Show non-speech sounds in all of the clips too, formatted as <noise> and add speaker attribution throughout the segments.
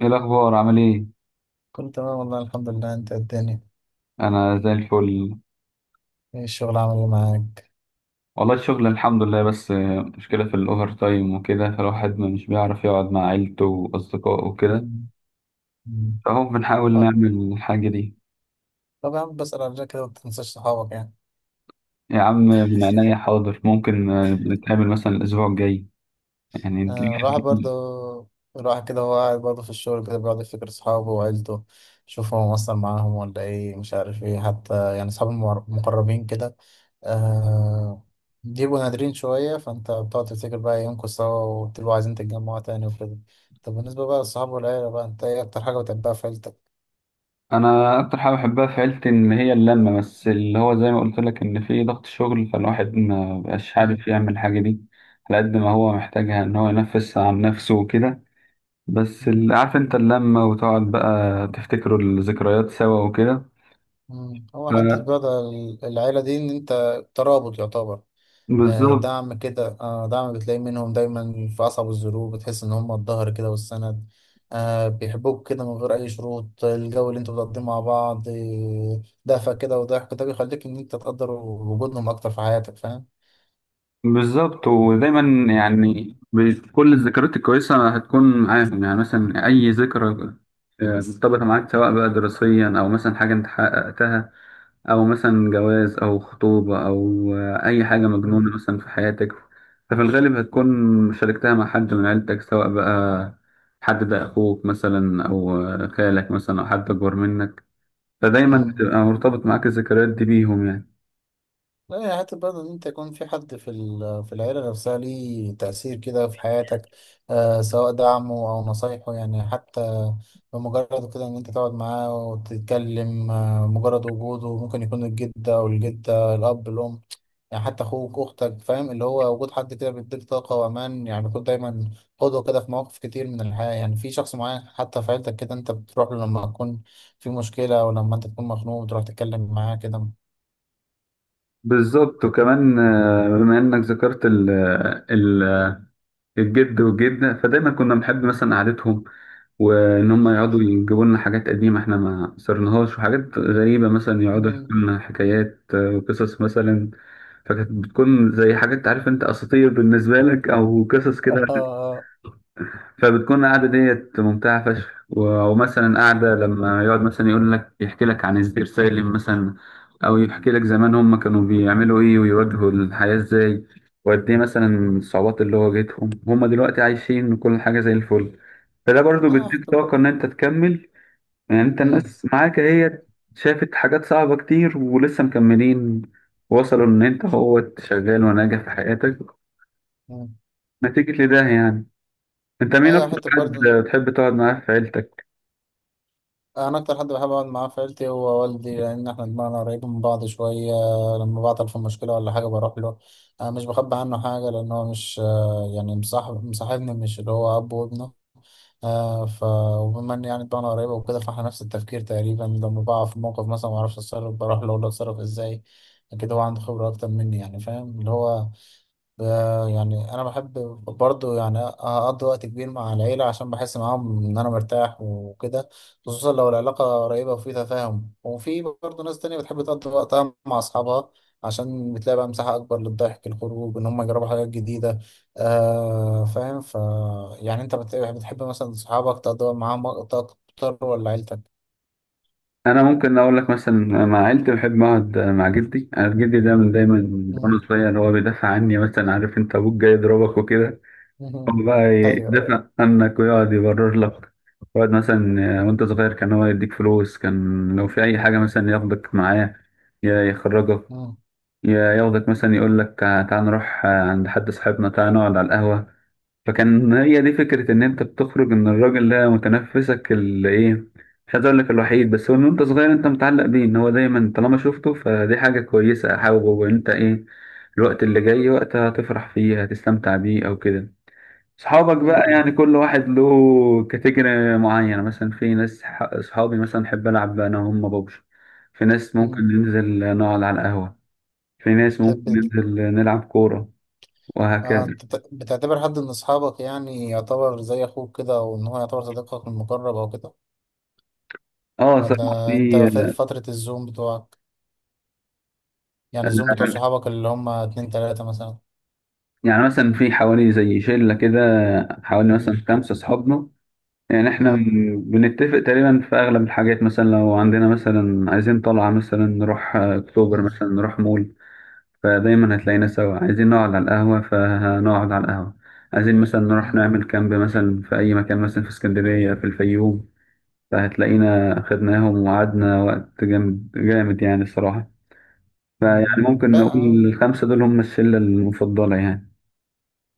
Speaker 1: ايه الاخبار؟ عامل ايه؟
Speaker 2: كنت تمام والله الحمد لله، انت الدنيا؟
Speaker 1: انا زي الفل.
Speaker 2: ايه الشغل عامل ايه معاك؟
Speaker 1: والله الشغل الحمد لله، بس مشكله في الاوفر تايم وكده، فالواحد ما مش بيعرف يقعد مع عيلته واصدقائه وكده.
Speaker 2: مم. مم.
Speaker 1: فهو بنحاول
Speaker 2: آه،
Speaker 1: نعمل الحاجه دي.
Speaker 2: طب يا عم بسأل على كده ما تنساش صحابك يعني.
Speaker 1: يا عم من عينيا
Speaker 2: <laughs>
Speaker 1: حاضر، ممكن نتقابل مثلا الاسبوع الجاي. يعني نجيب
Speaker 2: آه، الواحد
Speaker 1: حاجة.
Speaker 2: برضه الواحد كده هو قاعد برضه في الشغل كده بيقعد يفتكر صحابه وعيلته، يشوف هو مقصر معاهم ولا ايه مش عارف ايه، حتى يعني صحابي المقربين كده. آه بيبقوا نادرين شوية، فانت بتقعد تفتكر بقى ايامكم سوا وتبقوا عايزين تتجمعوا تاني وكده. طب بالنسبة بقى للصحاب والعيلة، بقى انت ايه أكتر حاجة بتحبها في عيلتك؟
Speaker 1: انا اكتر حاجه بحبها في عيلتي ان هي اللمه، بس اللي هو زي ما قلت لك ان في ضغط شغل، فالواحد ما بقاش
Speaker 2: مم.
Speaker 1: عارف يعمل الحاجه دي على قد ما هو محتاجها، ان هو ينفس عن نفسه وكده. بس عارف انت اللمة وتقعد بقى تفتكروا الذكريات سوا وكده.
Speaker 2: مم.
Speaker 1: ف-
Speaker 2: هو حتة بقى العيلة دي إن أنت ترابط يعتبر. آه،
Speaker 1: بالظبط.
Speaker 2: دعم كده، آه، دعم بتلاقي منهم دايما في أصعب الظروف، بتحس إن هم الظهر كده والسند. آه، بيحبوك كده من غير أي شروط. الجو اللي أنتوا بتقضيه مع بعض، دفى كده وضحك، ده بيخليك إن أنت تقدر وجودهم أكتر في حياتك، فاهم؟
Speaker 1: بالظبط، ودايما يعني كل الذكريات الكويسة هتكون معاهم، يعني مثلا أي ذكرى مرتبطة معاك، سواء بقى دراسيا أو مثلا حاجة أنت حققتها، أو مثلا جواز أو خطوبة أو أي حاجة مجنونة
Speaker 2: مم.
Speaker 1: مثلا في حياتك. ففي الغالب هتكون شاركتها مع حد من عيلتك، سواء بقى حد ده أخوك مثلا أو خالك مثلا أو حد أكبر منك. فدايما بتبقى
Speaker 2: مم.
Speaker 1: مرتبط معاك الذكريات دي بيهم يعني.
Speaker 2: لا، هي حتى برضه إن أنت يكون في حد في العيلة نفسها ليه تأثير كده في حياتك، سواء دعمه أو نصايحه. يعني حتى بمجرد كده إن أنت تقعد معاه وتتكلم، مجرد وجوده ممكن يكون الجد أو الجدة، الأب، الأم، يعني حتى أخوك، أختك، فاهم؟ اللي هو وجود حد كده بيديك طاقة وأمان، يعني بيكون دايما قدوة كده في مواقف كتير من الحياة. يعني في شخص معين حتى في عيلتك كده أنت بتروح له لما تكون في مشكلة، أو لما أنت تكون مخنوق بتروح تتكلم معاه
Speaker 1: بالظبط. وكمان بما انك ذكرت ال الجد والجدة، فدايما كنا بنحب
Speaker 2: كده.
Speaker 1: مثلا قعدتهم، وان هم يقعدوا يجيبوا لنا حاجات قديمة احنا ما صرناهاش، وحاجات غريبة مثلا يقعدوا يحكوا لنا حكايات وقصص مثلا. فكانت بتكون زي حاجات، عارف انت، اساطير بالنسبة لك او قصص كده.
Speaker 2: آه،
Speaker 1: فبتكون القعدة ديت ممتعة فشخ ومثلا قعدة لما يقعد مثلا يقول لك، يحكي لك عن الزئير سالم مثلا، أو يحكي لك زمان هم كانوا بيعملوا إيه ويواجهوا الحياة إزاي، وقد إيه مثلا
Speaker 2: <laughs>
Speaker 1: الصعوبات اللي واجهتهم. هم دلوقتي عايشين وكل حاجة زي الفل. فده برضو
Speaker 2: ايوه
Speaker 1: بيديك
Speaker 2: حتى.
Speaker 1: طاقة إن أنت تكمل. يعني أنت
Speaker 2: مم.
Speaker 1: الناس معاك هي شافت حاجات صعبة كتير، ولسه مكملين، وصلوا إن أنت هو شغال وناجح في حياتك
Speaker 2: مم.
Speaker 1: نتيجة لده يعني. أنت مين
Speaker 2: ايوه
Speaker 1: أكتر
Speaker 2: حتى
Speaker 1: حد
Speaker 2: برضه.
Speaker 1: بتحب تقعد معاه في عيلتك؟
Speaker 2: انا اكتر حد بحب اقعد معاه في عيلتي هو والدي، لان احنا دماغنا قريبه من بعض شويه. لما بعطل في مشكله ولا حاجه بروح له. انا مش بخبي عنه حاجه، لان هو مش يعني مصاحب، مصاحبني مش اللي هو اب وابنه. آه ف وبما ان يعني دماغنا قريبه وكده، فاحنا نفس التفكير تقريبا. لما بقع في موقف مثلا ما اعرفش اتصرف بروح له اقول له اتصرف ازاي كده، هو عنده خبره اكتر مني، يعني فاهم اللي هو ده. يعني انا بحب برضه يعني اقضي وقت كبير مع العيله عشان بحس معاهم ان انا مرتاح وكده، خصوصا لو العلاقه قريبه وفي تفاهم. وفي برضه ناس تانية بتحب تقضي وقتها مع اصحابها عشان بتلاقي بقى مساحه اكبر للضحك، الخروج، ان هم يجربوا حاجات جديده. آه فاهم. يعني انت بتحب مثلا اصحابك تقضي وقت معاهم وقت اكتر ولا عيلتك؟
Speaker 1: انا ممكن اقول لك مثلا مع عيلتي بحب اقعد مع جدي. انا جدي ده من دايما، من وانا
Speaker 2: مم.
Speaker 1: صغير، هو بيدافع عني. مثلا عارف انت ابوك جاي يضربك وكده،
Speaker 2: مم.
Speaker 1: هو بقى
Speaker 2: ايوه.
Speaker 1: يدافع عنك ويقعد يبرر لك. يقعد مثلا، وانت صغير، كان هو يديك فلوس، كان لو في اي حاجه مثلا ياخدك معاه، يا يخرجك،
Speaker 2: مم.
Speaker 1: يا ياخدك مثلا، يقول لك تعال نروح عند حد صاحبنا، تعال نقعد على القهوه. فكان هي دي فكرة إن أنت بتخرج، إن الراجل ده متنفسك اللي إيه، مش عايز أقول لك الوحيد، بس هو إن أنت صغير أنت متعلق بيه، إن هو دايما طالما شفته، فدي حاجة كويسة. أحاول وأنت إيه، الوقت اللي جاي وقت هتفرح فيه، هتستمتع بيه أو كده. صحابك بقى
Speaker 2: مم.
Speaker 1: يعني كل واحد له كاتيجوري معينة. مثلا في ناس صحابي مثلا أحب ألعب أنا وهم ببجي، في ناس ممكن ننزل نقعد على القهوة، في ناس
Speaker 2: مم.
Speaker 1: ممكن ننزل نلعب كورة،
Speaker 2: آه،
Speaker 1: وهكذا.
Speaker 2: انت بتعتبر حد من اصحابك يعني يعتبر زي اخوك كده، او ان هو يعتبر صديقك المقرب او كده؟
Speaker 1: اه، صراحة
Speaker 2: ولا انت
Speaker 1: في،
Speaker 2: في فترة الزوم بتوعك، يعني الزوم بتوع صحابك اللي هم اتنين تلاتة مثلا؟
Speaker 1: يعني مثلا في حوالي زي شلة كده، حوالي مثلا
Speaker 2: مم.
Speaker 1: 5 أصحابنا. يعني إحنا
Speaker 2: مم.
Speaker 1: بنتفق تقريبا في أغلب الحاجات. مثلا لو عندنا مثلا، عايزين طلعة مثلا نروح أكتوبر، مثلا
Speaker 2: مم.
Speaker 1: نروح مول، فدايما هتلاقينا سوا. عايزين نقعد على القهوة، فهنقعد على القهوة. عايزين مثلا نروح
Speaker 2: مم.
Speaker 1: نعمل كامب مثلا في أي مكان، مثلا في اسكندرية، في الفيوم، فهتلاقينا خدناهم وقعدنا وقت جامد جامد، يعني الصراحة. فيعني
Speaker 2: مم.
Speaker 1: ممكن
Speaker 2: لا، آه.
Speaker 1: نقول ال5 دول هم الشلة المفضلة يعني.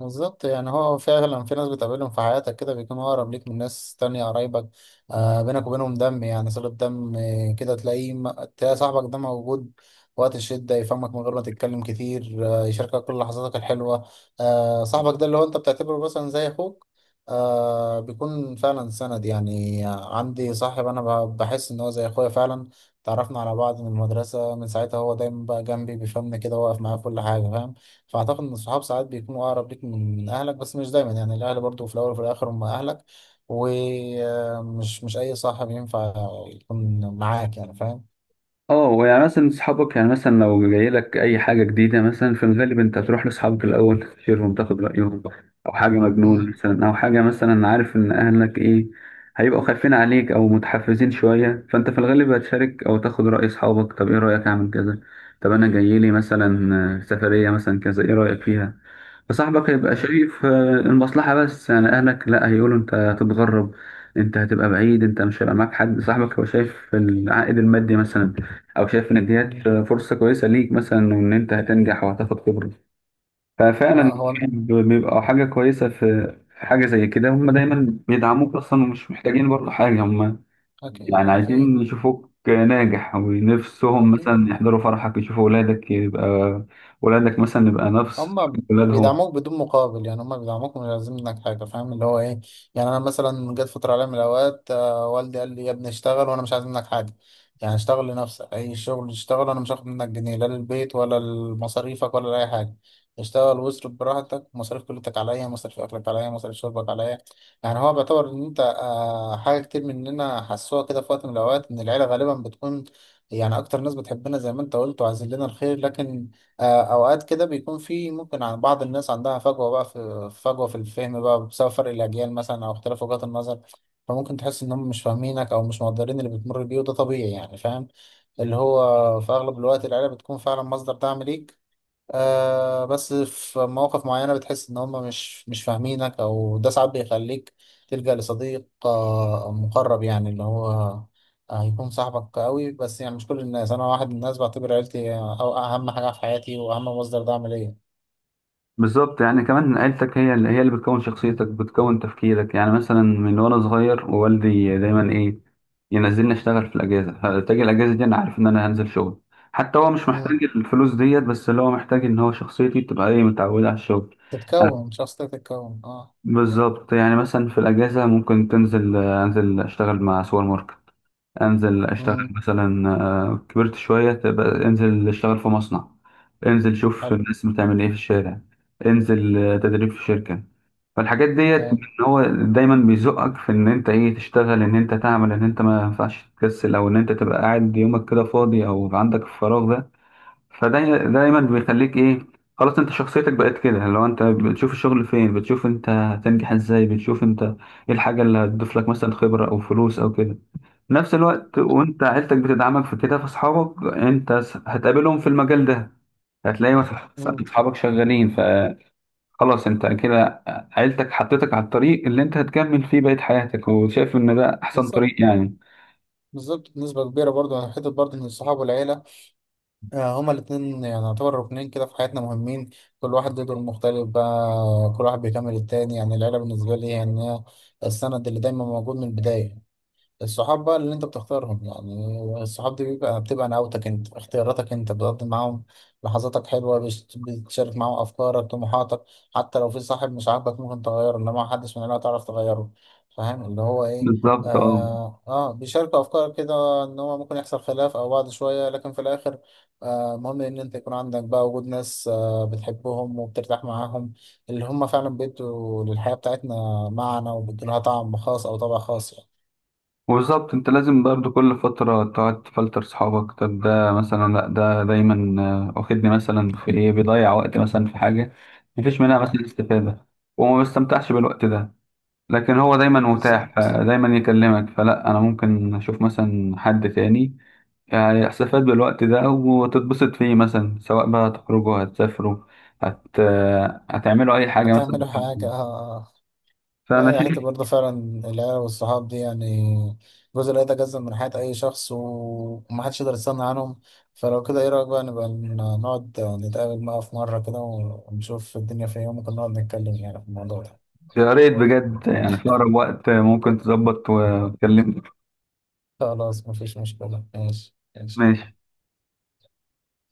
Speaker 2: بالظبط، يعني هو فعلا في ناس بتقابلهم في حياتك كده بيكونوا أقرب ليك من ناس تانية قرايبك، بينك وبينهم دم، يعني صلة دم. آه، كده تلاقيه تلاقي صاحبك ده موجود وقت الشدة، يفهمك من غير ما تتكلم كتير، يشاركك كل لحظاتك الحلوة. صاحبك ده اللي هو أنت بتعتبره مثلا زي أخوك، بيكون فعلا سند. يعني عندي صاحب أنا بحس إن هو زي أخويا فعلا، تعرفنا على بعض من المدرسة، من ساعتها هو دايما بقى جنبي بيفهمني كده، واقف معايا في كل حاجة، فاهم؟ فاعتقد ان الصحاب ساعات بيكونوا اقرب ليك من اهلك، بس مش دايما. يعني الاهل برضو في الاول وفي الاخر هم اهلك، ومش مش مش اي صاحب ينفع يكون معاك، يعني فاهم.
Speaker 1: اه. يعني مثلا صحابك، يعني مثلا لو جاي لك اي حاجه جديده، مثلا في الغالب انت هتروح لاصحابك الاول تستشيرهم، تاخد رايهم. او حاجه مجنون
Speaker 2: مم،
Speaker 1: مثلا، او حاجه مثلا، عارف ان اهلك ايه، هيبقوا خايفين عليك او متحفزين شويه، فانت في الغالب هتشارك او تاخد راي اصحابك. طب ايه رايك اعمل كذا؟ طب انا جاي لي مثلا سفريه مثلا كذا، ايه رايك فيها؟ فصاحبك هيبقى
Speaker 2: مم،
Speaker 1: شايف المصلحة بس، يعني أهلك لأ، هيقولوا أنت هتتغرب، أنت هتبقى بعيد، أنت مش هيبقى معاك حد. صاحبك هو شايف العائد المادي مثلا، أو شايف إن ديت
Speaker 2: مم.
Speaker 1: فرصة كويسة ليك مثلا، وإن أنت هتنجح وهتاخد خبرة.
Speaker 2: لا،
Speaker 1: ففعلا
Speaker 2: هو
Speaker 1: الصحاب بيبقى حاجة كويسة. في حاجة زي كده هم دايما بيدعموك أصلا، ومش محتاجين برضه حاجة هم. يعني
Speaker 2: أكيد أكيد
Speaker 1: عايزين يشوفوك ناجح، ونفسهم
Speaker 2: أكيد.
Speaker 1: مثلا يحضروا فرحك، يشوفوا ولادك، يبقى ولادك مثلا يبقى نفس
Speaker 2: هما
Speaker 1: ولادهم.
Speaker 2: بيدعموك بدون مقابل، يعني هما بيدعموك مش عايزين منك حاجة، فاهم اللي هو ايه. يعني انا مثلا جت فترة عليا من الاوقات، والدي قال لي يا ابني اشتغل، وانا مش عايز منك حاجة، يعني اشتغل لنفسك اي شغل. اشتغل، انا مش هاخد منك جنيه، لا للبيت ولا لمصاريفك ولا لأي حاجة. اشتغل واصرف براحتك، مصاريف كليتك عليا، مصاريف اكلك عليا، مصاريف شربك عليا. يعني هو بيعتبر ان انت حاجة كتير مننا حسوها كده في وقت من الاوقات، ان العيلة غالبا بتكون يعني اكتر ناس بتحبنا زي ما انت قلت، وعايزين لنا الخير. لكن اوقات كده بيكون في ممكن عن بعض الناس عندها فجوه بقى في فجوه في الفهم بقى، بسبب فرق الاجيال مثلا او اختلاف وجهات النظر. فممكن تحس ان هم مش فاهمينك او مش مقدرين اللي بتمر بيه، وده طبيعي يعني فاهم. اللي هو في اغلب الوقت العيله بتكون فعلا مصدر دعم ليك، بس في مواقف معينة بتحس إن هم مش فاهمينك، أو ده ساعات بيخليك تلجأ لصديق آه مقرب، يعني اللي هو يكون صاحبك قوي. بس يعني مش كل الناس، أنا واحد من الناس بعتبر عيلتي أو أهم حاجة في حياتي وأهم مصدر دعم ليا.
Speaker 1: بالظبط. يعني كمان عيلتك هي اللي بتكون شخصيتك، بتكون تفكيرك. يعني مثلا من وانا صغير، ووالدي دايما ايه، ينزلني اشتغل في الاجازه، فتجي الاجازه دي انا عارف ان انا هنزل شغل. حتى هو مش
Speaker 2: مم.
Speaker 1: محتاج الفلوس ديت، بس اللي هو محتاج ان هو شخصيتي تبقى ايه، متعوده على الشغل.
Speaker 2: تتكون شخصيتك تتكون اه.
Speaker 1: بالظبط. يعني مثلا في الاجازه ممكن انزل اشتغل مع سوبر ماركت، انزل اشتغل
Speaker 2: مم.
Speaker 1: مثلا كبرت شويه، تبقى انزل اشتغل في مصنع، انزل شوف
Speaker 2: حلو.
Speaker 1: الناس بتعمل ايه في الشارع، انزل تدريب في شركه. فالحاجات ديت، ان
Speaker 2: كان.
Speaker 1: هو دايما بيزقك في ان انت ايه، تشتغل، ان انت تعمل، ان انت ما ينفعش تكسل، او ان انت تبقى قاعد يومك كده فاضي، او عندك الفراغ ده. فده دايما بيخليك ايه، خلاص انت شخصيتك بقت كده. لو انت بتشوف الشغل فين، بتشوف انت هتنجح ازاي، بتشوف انت ايه الحاجة اللي هتضيف لك مثلا خبرة او فلوس او كده. في نفس الوقت وانت عيلتك بتدعمك في كده، فاصحابك انت هتقابلهم في المجال ده، هتلاقي مثلا
Speaker 2: مم.
Speaker 1: اصحابك شغالين. خلاص، انت كده عيلتك حطيتك على الطريق اللي انت هتكمل فيه بقية حياتك، وشايف ان ده احسن طريق
Speaker 2: بالظبط.
Speaker 1: يعني.
Speaker 2: بالظبط بنسبة كبيرة برضه، حتة برضه إن الصحاب والعيلة، هما الاتنين يعني يعتبر ركنين كده في حياتنا مهمين. كل واحد له دور مختلف بقى، كل واحد بيكمل التاني. يعني العيلة بالنسبة لي يعني هي السند اللي دايما موجود من البداية. الصحاب بقى اللي انت بتختارهم، يعني الصحاب دي بيبقى بتبقى نعوتك انت، اختياراتك انت، بتقضي معاهم لحظاتك حلوة، بتشارك معاهم افكارك طموحاتك. حتى لو في صاحب مش عاجبك ممكن تغيره، انما محدش من العيلة تعرف تغيره. فاهم اللي هو ايه.
Speaker 1: بالظبط، اه.
Speaker 2: اه, بيشاركوا افكارك كده، ان هو ممكن يحصل خلاف او بعد شوية، لكن في الاخر مهم ان انت يكون عندك بقى وجود ناس بتحبهم وبترتاح معاهم، اللي هم فعلا بيدوا للحياة بتاعتنا معنى وبيدوا لها طعم خاص او طابع خاص يعني.
Speaker 1: وبالظبط، انت لازم برضه كل فترة تقعد تفلتر صحابك. طب ده مثلا لا، ده دايما واخدني مثلا في ايه، بيضيع وقت مثلا في حاجة مفيش منها
Speaker 2: آه.
Speaker 1: مثلا استفادة، وما بستمتعش بالوقت ده، لكن هو دايما متاح،
Speaker 2: بالظبط.
Speaker 1: دايما يكلمك، فلا، انا ممكن اشوف مثلا حد تاني يعني استفاد بالوقت ده وتتبسط فيه. مثلا سواء بقى هتخرجوا، هتسافروا، هتعملوا أي حاجة مثلا.
Speaker 2: هتعملوا حاجة آه. لا
Speaker 1: فأنا
Speaker 2: يا، حتة
Speaker 1: شايف
Speaker 2: برضه فعلا العيلة والصحاب دي يعني جزء لا يتجزأ من حياة أي شخص، ومحدش يقدر يستغنى عنهم. فلو كده إيه رأيك بقى نبقى نقعد نتقابل بقى في مرة كده، ونشوف الدنيا فين، وممكن نقعد نتكلم يعني في الموضوع ده.
Speaker 1: يا ريت بجد، يعني في أقرب وقت ممكن تظبط وتكلمني.
Speaker 2: خلاص مفيش مشكلة، ماشي ماشي.
Speaker 1: ماشي.